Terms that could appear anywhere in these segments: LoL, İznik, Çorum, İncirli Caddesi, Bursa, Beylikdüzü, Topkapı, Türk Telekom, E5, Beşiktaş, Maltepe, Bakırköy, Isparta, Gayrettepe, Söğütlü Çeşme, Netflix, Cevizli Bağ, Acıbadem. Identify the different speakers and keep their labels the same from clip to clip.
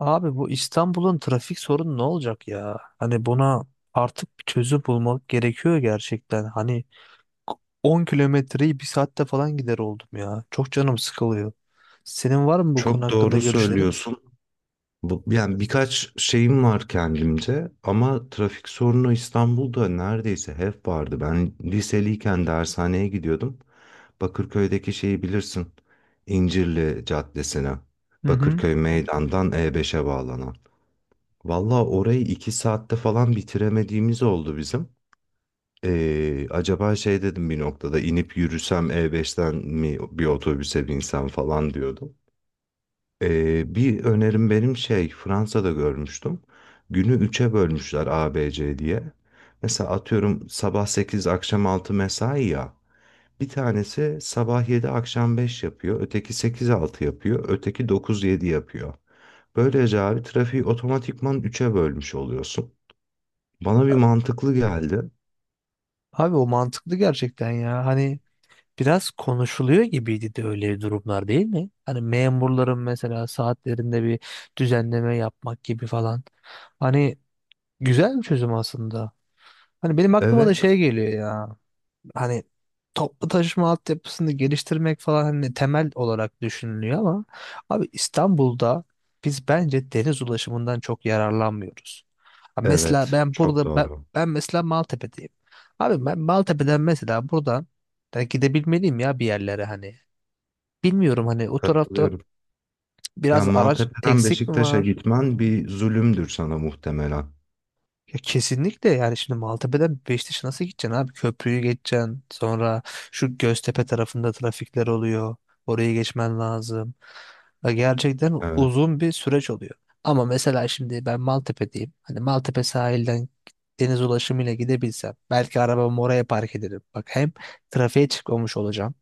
Speaker 1: Abi bu İstanbul'un trafik sorunu ne olacak ya? Hani buna artık bir çözüm bulmak gerekiyor gerçekten. Hani 10 kilometreyi bir saatte falan gider oldum ya. Çok canım sıkılıyor. Senin var mı bu konu
Speaker 2: Çok
Speaker 1: hakkında
Speaker 2: doğru
Speaker 1: görüşlerin?
Speaker 2: söylüyorsun. Bu, yani birkaç şeyim var kendimce ama trafik sorunu İstanbul'da neredeyse hep vardı. Ben liseliyken dershaneye gidiyordum. Bakırköy'deki şeyi bilirsin. İncirli Caddesi'ne.
Speaker 1: Hı hı.
Speaker 2: Bakırköy Meydan'dan E5'e bağlanan. Valla orayı iki saatte falan bitiremediğimiz oldu bizim. Acaba şey dedim bir noktada inip yürüsem E5'ten mi bir otobüse binsem falan diyordum. Bir önerim benim şey Fransa'da görmüştüm. Günü üçe bölmüşler A B C diye. Mesela atıyorum sabah 8 akşam 6 mesai ya. Bir tanesi sabah 7 akşam 5 yapıyor. Öteki sekiz altı yapıyor. Öteki dokuz yedi yapıyor. Böylece abi trafiği otomatikman üçe bölmüş oluyorsun. Bana bir mantıklı geldi.
Speaker 1: Abi o mantıklı gerçekten ya. Hani biraz konuşuluyor gibiydi de öyle durumlar değil mi? Hani memurların mesela saatlerinde bir düzenleme yapmak gibi falan. Hani güzel bir çözüm aslında. Hani benim aklıma da
Speaker 2: Evet,
Speaker 1: şey geliyor ya. Hani toplu taşıma altyapısını geliştirmek falan hani temel olarak düşünülüyor ama abi İstanbul'da biz bence deniz ulaşımından çok yararlanmıyoruz. Ha mesela
Speaker 2: evet.
Speaker 1: ben
Speaker 2: Çok
Speaker 1: burada ben,
Speaker 2: doğru.
Speaker 1: ben mesela Maltepe'deyim. Abi ben Maltepe'den mesela buradan da gidebilmeliyim ya bir yerlere hani. Bilmiyorum hani o tarafta
Speaker 2: Katılıyorum. Ya
Speaker 1: biraz araç
Speaker 2: Maltepe'den
Speaker 1: eksik mi
Speaker 2: Beşiktaş'a
Speaker 1: var?
Speaker 2: gitmen bir zulümdür sana muhtemelen.
Speaker 1: Ya kesinlikle, yani şimdi Maltepe'den Beşiktaş'a nasıl gideceksin abi? Köprüyü geçeceksin. Sonra şu Göztepe tarafında trafikler oluyor. Orayı geçmen lazım. Ya gerçekten
Speaker 2: Evet.
Speaker 1: uzun bir süreç oluyor. Ama mesela şimdi ben Maltepe'deyim. Hani Maltepe sahilden deniz ulaşımıyla gidebilsem belki arabamı oraya park ederim. Bak hem trafiğe çıkmamış olacağım.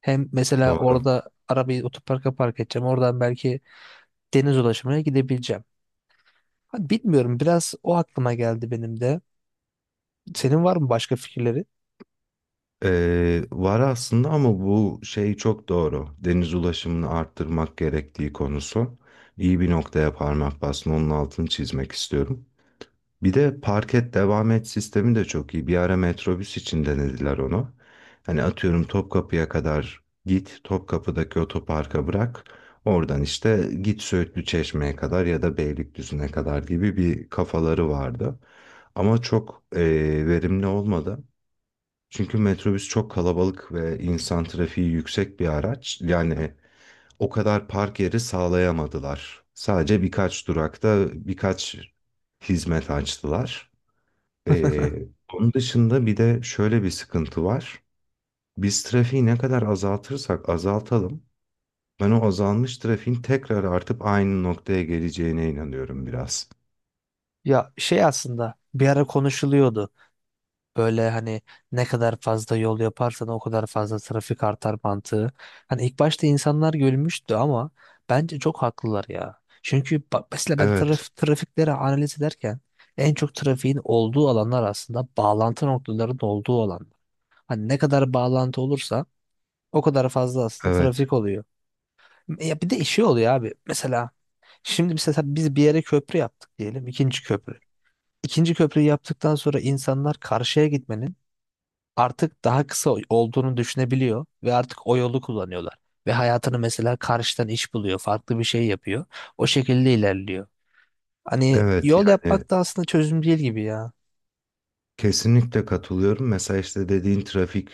Speaker 1: Hem mesela
Speaker 2: Doğru.
Speaker 1: orada arabayı otoparka park edeceğim. Oradan belki deniz ulaşımıyla gidebileceğim. Hani bilmiyorum, biraz o aklıma geldi benim de. Senin var mı başka fikirleri?
Speaker 2: Var aslında ama bu şey çok doğru. Deniz ulaşımını arttırmak gerektiği konusu. İyi bir noktaya parmak bastın. Onun altını çizmek istiyorum. Bir de park et devam et sistemi de çok iyi. Bir ara metrobüs için denediler onu. Hani atıyorum Topkapı'ya kadar git, Topkapı'daki otoparka bırak. Oradan işte git Söğütlü Çeşme'ye kadar ya da Beylikdüzü'ne kadar gibi bir kafaları vardı. Ama çok verimli olmadı. Çünkü metrobüs çok kalabalık ve insan trafiği yüksek bir araç. Yani o kadar park yeri sağlayamadılar. Sadece birkaç durakta birkaç hizmet açtılar. Ee, Onun dışında bir de şöyle bir sıkıntı var. Biz trafiği ne kadar azaltırsak azaltalım, ben o azalmış trafiğin tekrar artıp aynı noktaya geleceğine inanıyorum biraz.
Speaker 1: Ya şey, aslında bir ara konuşuluyordu. Böyle hani ne kadar fazla yol yaparsan o kadar fazla trafik artar mantığı. Hani ilk başta insanlar gülmüştü ama bence çok haklılar ya. Çünkü mesela ben
Speaker 2: Evet,
Speaker 1: trafikleri analiz ederken en çok trafiğin olduğu alanlar aslında bağlantı noktalarının olduğu alanlar. Hani ne kadar bağlantı olursa o kadar fazla aslında
Speaker 2: evet,
Speaker 1: trafik oluyor. Ya bir de işi oluyor abi. Mesela şimdi mesela biz bir yere köprü yaptık diyelim. İkinci köprü. İkinci köprüyü yaptıktan sonra insanlar karşıya gitmenin artık daha kısa olduğunu düşünebiliyor ve artık o yolu kullanıyorlar. Ve hayatını mesela karşıdan iş buluyor, farklı bir şey yapıyor. O şekilde ilerliyor. Hani
Speaker 2: evet.
Speaker 1: yol
Speaker 2: Yani
Speaker 1: yapmak da aslında çözüm değil gibi ya.
Speaker 2: kesinlikle katılıyorum. Mesela işte dediğin trafik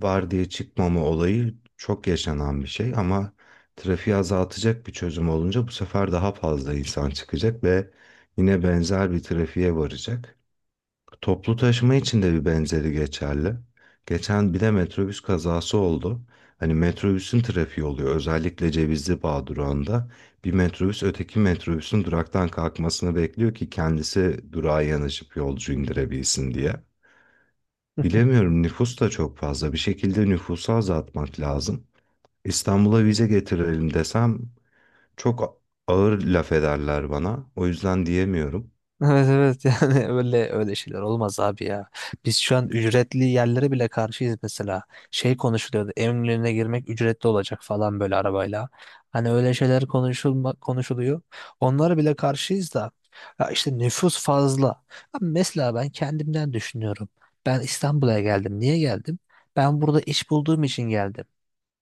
Speaker 2: var diye çıkmama olayı çok yaşanan bir şey ama trafiği azaltacak bir çözüm olunca bu sefer daha fazla insan çıkacak ve yine benzer bir trafiğe varacak. Toplu taşıma için de bir benzeri geçerli. Geçen bir de metrobüs kazası oldu. Hani metrobüsün trafiği oluyor. Özellikle Cevizli Bağ durağında bir metrobüs öteki metrobüsün duraktan kalkmasını bekliyor ki kendisi durağa yanaşıp yolcu indirebilsin diye. Bilemiyorum nüfus da çok fazla. Bir şekilde nüfusu azaltmak lazım. İstanbul'a vize getirelim desem çok ağır laf ederler bana. O yüzden diyemiyorum.
Speaker 1: Evet, evet, yani öyle öyle şeyler olmaz abi ya. Biz şu an ücretli yerlere bile karşıyız mesela. Şey konuşuluyordu. Eminönü'ne girmek ücretli olacak falan, böyle arabayla. Hani öyle şeyler konuşuluyor. Onlara bile karşıyız da. Ya işte nüfus fazla. Abi mesela ben kendimden düşünüyorum. Ben İstanbul'a geldim. Niye geldim? Ben burada iş bulduğum için geldim.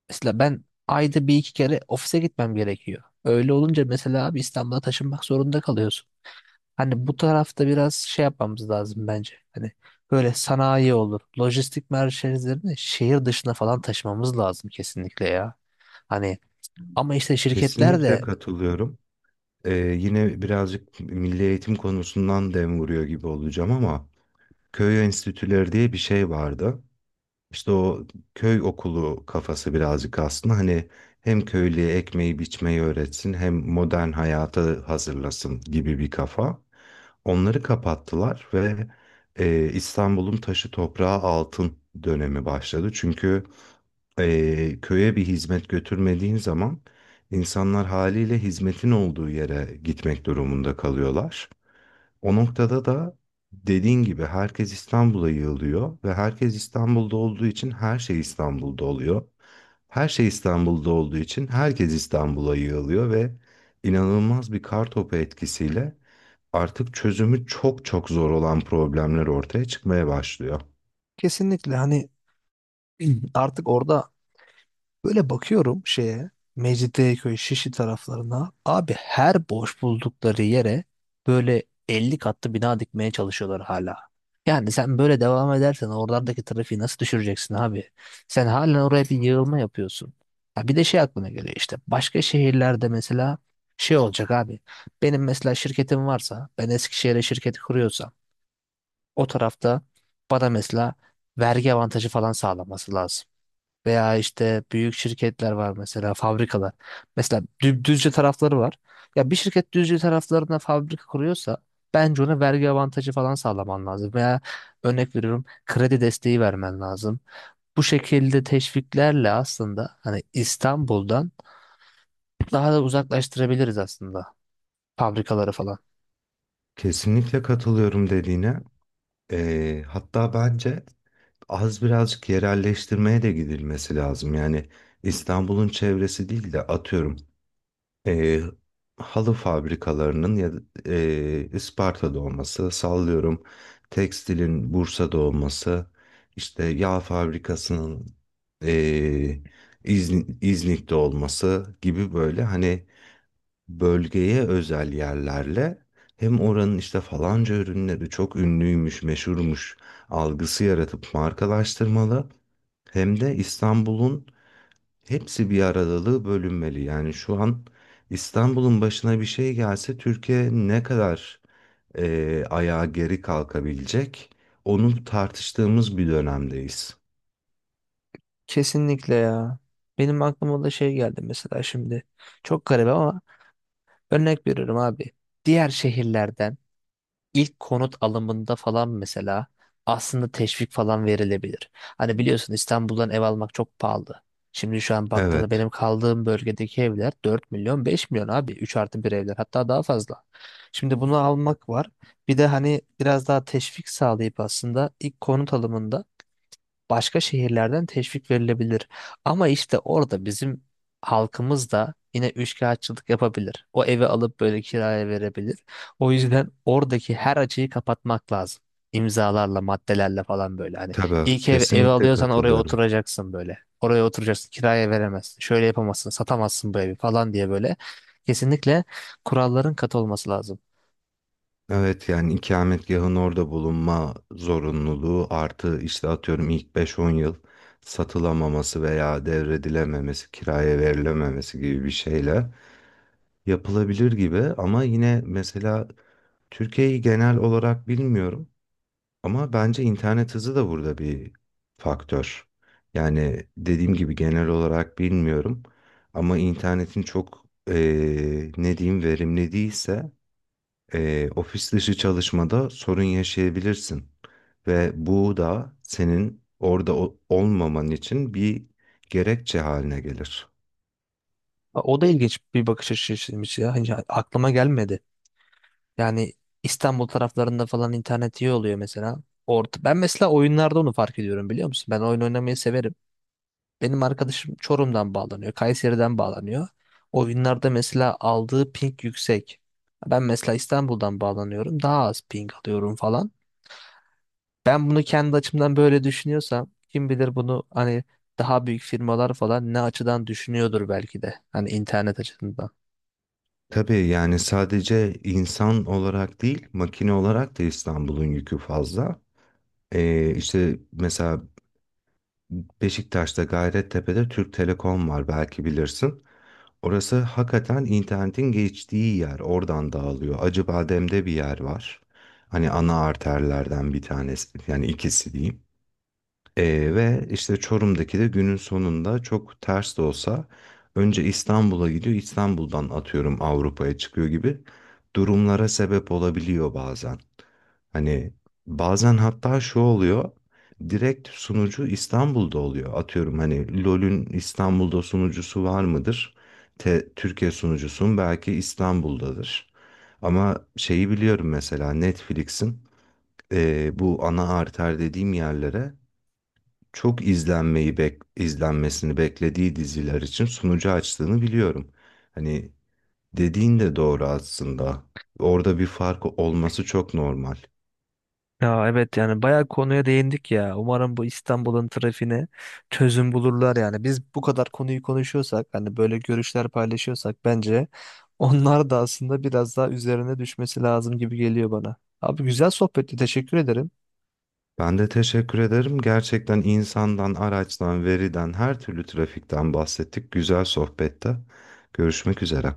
Speaker 1: Mesela ben ayda bir iki kere ofise gitmem gerekiyor. Öyle olunca mesela abi İstanbul'a taşınmak zorunda kalıyorsun. Hani bu tarafta biraz şey yapmamız lazım bence. Hani böyle sanayi olur, lojistik merkezlerini şehir dışına falan taşımamız lazım kesinlikle ya. Hani ama işte şirketler
Speaker 2: Kesinlikle
Speaker 1: de
Speaker 2: katılıyorum. Yine birazcık milli eğitim konusundan dem vuruyor gibi olacağım ama köy enstitüleri diye bir şey vardı. İşte o köy okulu kafası birazcık aslında hani hem köylüye ekmeği biçmeyi öğretsin hem modern hayata hazırlasın gibi bir kafa. Onları kapattılar ve İstanbul'un taşı toprağı altın dönemi başladı. Çünkü köye bir hizmet götürmediğin zaman insanlar haliyle hizmetin olduğu yere gitmek durumunda kalıyorlar. O noktada da dediğin gibi herkes İstanbul'a yığılıyor ve herkes İstanbul'da olduğu için her şey İstanbul'da oluyor. Her şey İstanbul'da olduğu için herkes İstanbul'a yığılıyor ve inanılmaz bir kar topu etkisiyle artık çözümü çok çok zor olan problemler ortaya çıkmaya başlıyor.
Speaker 1: kesinlikle hani artık orada böyle bakıyorum şeye, Mecidiyeköy, Şişli taraflarına. Abi her boş buldukları yere böyle 50 katlı bina dikmeye çalışıyorlar hala. Yani sen böyle devam edersen oralardaki trafiği nasıl düşüreceksin abi? Sen halen oraya bir yığılma yapıyorsun. Ha bir de şey aklıma geliyor işte. Başka şehirlerde mesela şey olacak abi. Benim mesela şirketim varsa, ben Eskişehir'e şirketi kuruyorsam o tarafta bana mesela vergi avantajı falan sağlanması lazım. Veya işte büyük şirketler var mesela, fabrikalar. Mesela Düzce tarafları var. Ya bir şirket Düzce taraflarına fabrika kuruyorsa bence ona vergi avantajı falan sağlaman lazım. Veya örnek veriyorum, kredi desteği vermen lazım. Bu şekilde teşviklerle aslında hani İstanbul'dan daha da uzaklaştırabiliriz aslında fabrikaları falan.
Speaker 2: Kesinlikle katılıyorum dediğine. Hatta bence az birazcık yerelleştirmeye de gidilmesi lazım. Yani İstanbul'un çevresi değil de atıyorum e, halı fabrikalarının ya da Isparta'da olması, sallıyorum tekstilin Bursa'da olması, işte yağ fabrikasının e, İznik'te olması gibi böyle hani bölgeye özel yerlerle hem oranın işte falanca ürünleri çok ünlüymüş, meşhurmuş algısı yaratıp markalaştırmalı hem de İstanbul'un hepsi bir aradalığı bölünmeli. Yani şu an İstanbul'un başına bir şey gelse Türkiye ne kadar ayağa geri kalkabilecek? Onu tartıştığımız bir dönemdeyiz.
Speaker 1: Kesinlikle ya. Benim aklıma da şey geldi mesela şimdi. Çok garip ama örnek veriyorum abi. Diğer şehirlerden İlk konut alımında falan mesela aslında teşvik falan verilebilir. Hani biliyorsun İstanbul'dan ev almak çok pahalı. Şimdi şu an
Speaker 2: Evet,
Speaker 1: baktığımda benim kaldığım bölgedeki evler 4 milyon 5 milyon abi, 3 artı bir evler, hatta daha fazla. Şimdi bunu almak var. Bir de hani biraz daha teşvik sağlayıp aslında ilk konut alımında başka şehirlerden teşvik verilebilir. Ama işte orada bizim halkımız da yine üçkağıtçılık yapabilir. O evi alıp böyle kiraya verebilir. O yüzden oradaki her açığı kapatmak lazım. İmzalarla, maddelerle falan böyle. Hani
Speaker 2: tabii
Speaker 1: ilk ev
Speaker 2: kesinlikle
Speaker 1: alıyorsan oraya
Speaker 2: katılıyorum.
Speaker 1: oturacaksın böyle. Oraya oturacaksın, kiraya veremezsin. Şöyle yapamazsın, satamazsın bu evi falan diye böyle. Kesinlikle kuralların katı olması lazım.
Speaker 2: Evet yani ikametgahın orada bulunma zorunluluğu artı işte atıyorum ilk beş-on yıl satılamaması veya devredilememesi, kiraya verilememesi gibi bir şeyle yapılabilir gibi ama yine mesela Türkiye'yi genel olarak bilmiyorum ama bence internet hızı da burada bir faktör. Yani dediğim gibi genel olarak bilmiyorum ama internetin çok ne diyeyim verimli değilse ofis dışı çalışmada sorun yaşayabilirsin. Ve bu da senin orada olmaman için bir gerekçe haline gelir.
Speaker 1: O da ilginç bir bakış açısıymış ya. Hiç aklıma gelmedi. Yani İstanbul taraflarında falan internet iyi oluyor mesela. Ben mesela oyunlarda onu fark ediyorum, biliyor musun? Ben oyun oynamayı severim. Benim arkadaşım Çorum'dan bağlanıyor, Kayseri'den bağlanıyor. Oyunlarda mesela aldığı ping yüksek. Ben mesela İstanbul'dan bağlanıyorum, daha az ping alıyorum falan. Ben bunu kendi açımdan böyle düşünüyorsam, kim bilir bunu hani daha büyük firmalar falan ne açıdan düşünüyordur belki de. Hani internet açısından.
Speaker 2: Tabii yani sadece insan olarak değil, makine olarak da İstanbul'un yükü fazla. İşte mesela Beşiktaş'ta Gayrettepe'de Türk Telekom var belki bilirsin. Orası hakikaten internetin geçtiği yer. Oradan dağılıyor. Acıbadem'de bir yer var. Hani ana arterlerden bir tanesi yani ikisi diyeyim. Ve işte Çorum'daki de günün sonunda çok ters de olsa önce İstanbul'a gidiyor, İstanbul'dan atıyorum Avrupa'ya çıkıyor gibi durumlara sebep olabiliyor bazen. Hani bazen hatta şu oluyor, direkt sunucu İstanbul'da oluyor. Atıyorum hani LoL'ün İstanbul'da sunucusu var mıdır? Türkiye sunucusun belki İstanbul'dadır. Ama şeyi biliyorum mesela Netflix'in bu ana arter dediğim yerlere çok izlenmeyi izlenmesini beklediği diziler için sunucu açtığını biliyorum. Hani dediğin de doğru aslında. Orada bir fark olması çok normal.
Speaker 1: Ya evet, yani bayağı konuya değindik ya. Umarım bu İstanbul'un trafiğine çözüm bulurlar yani. Biz bu kadar konuyu konuşuyorsak, hani böyle görüşler paylaşıyorsak bence onlar da aslında biraz daha üzerine düşmesi lazım gibi geliyor bana. Abi güzel sohbetti. Teşekkür ederim.
Speaker 2: Ben de teşekkür ederim. Gerçekten insandan, araçtan, veriden, her türlü trafikten bahsettik. Güzel sohbette. Görüşmek üzere.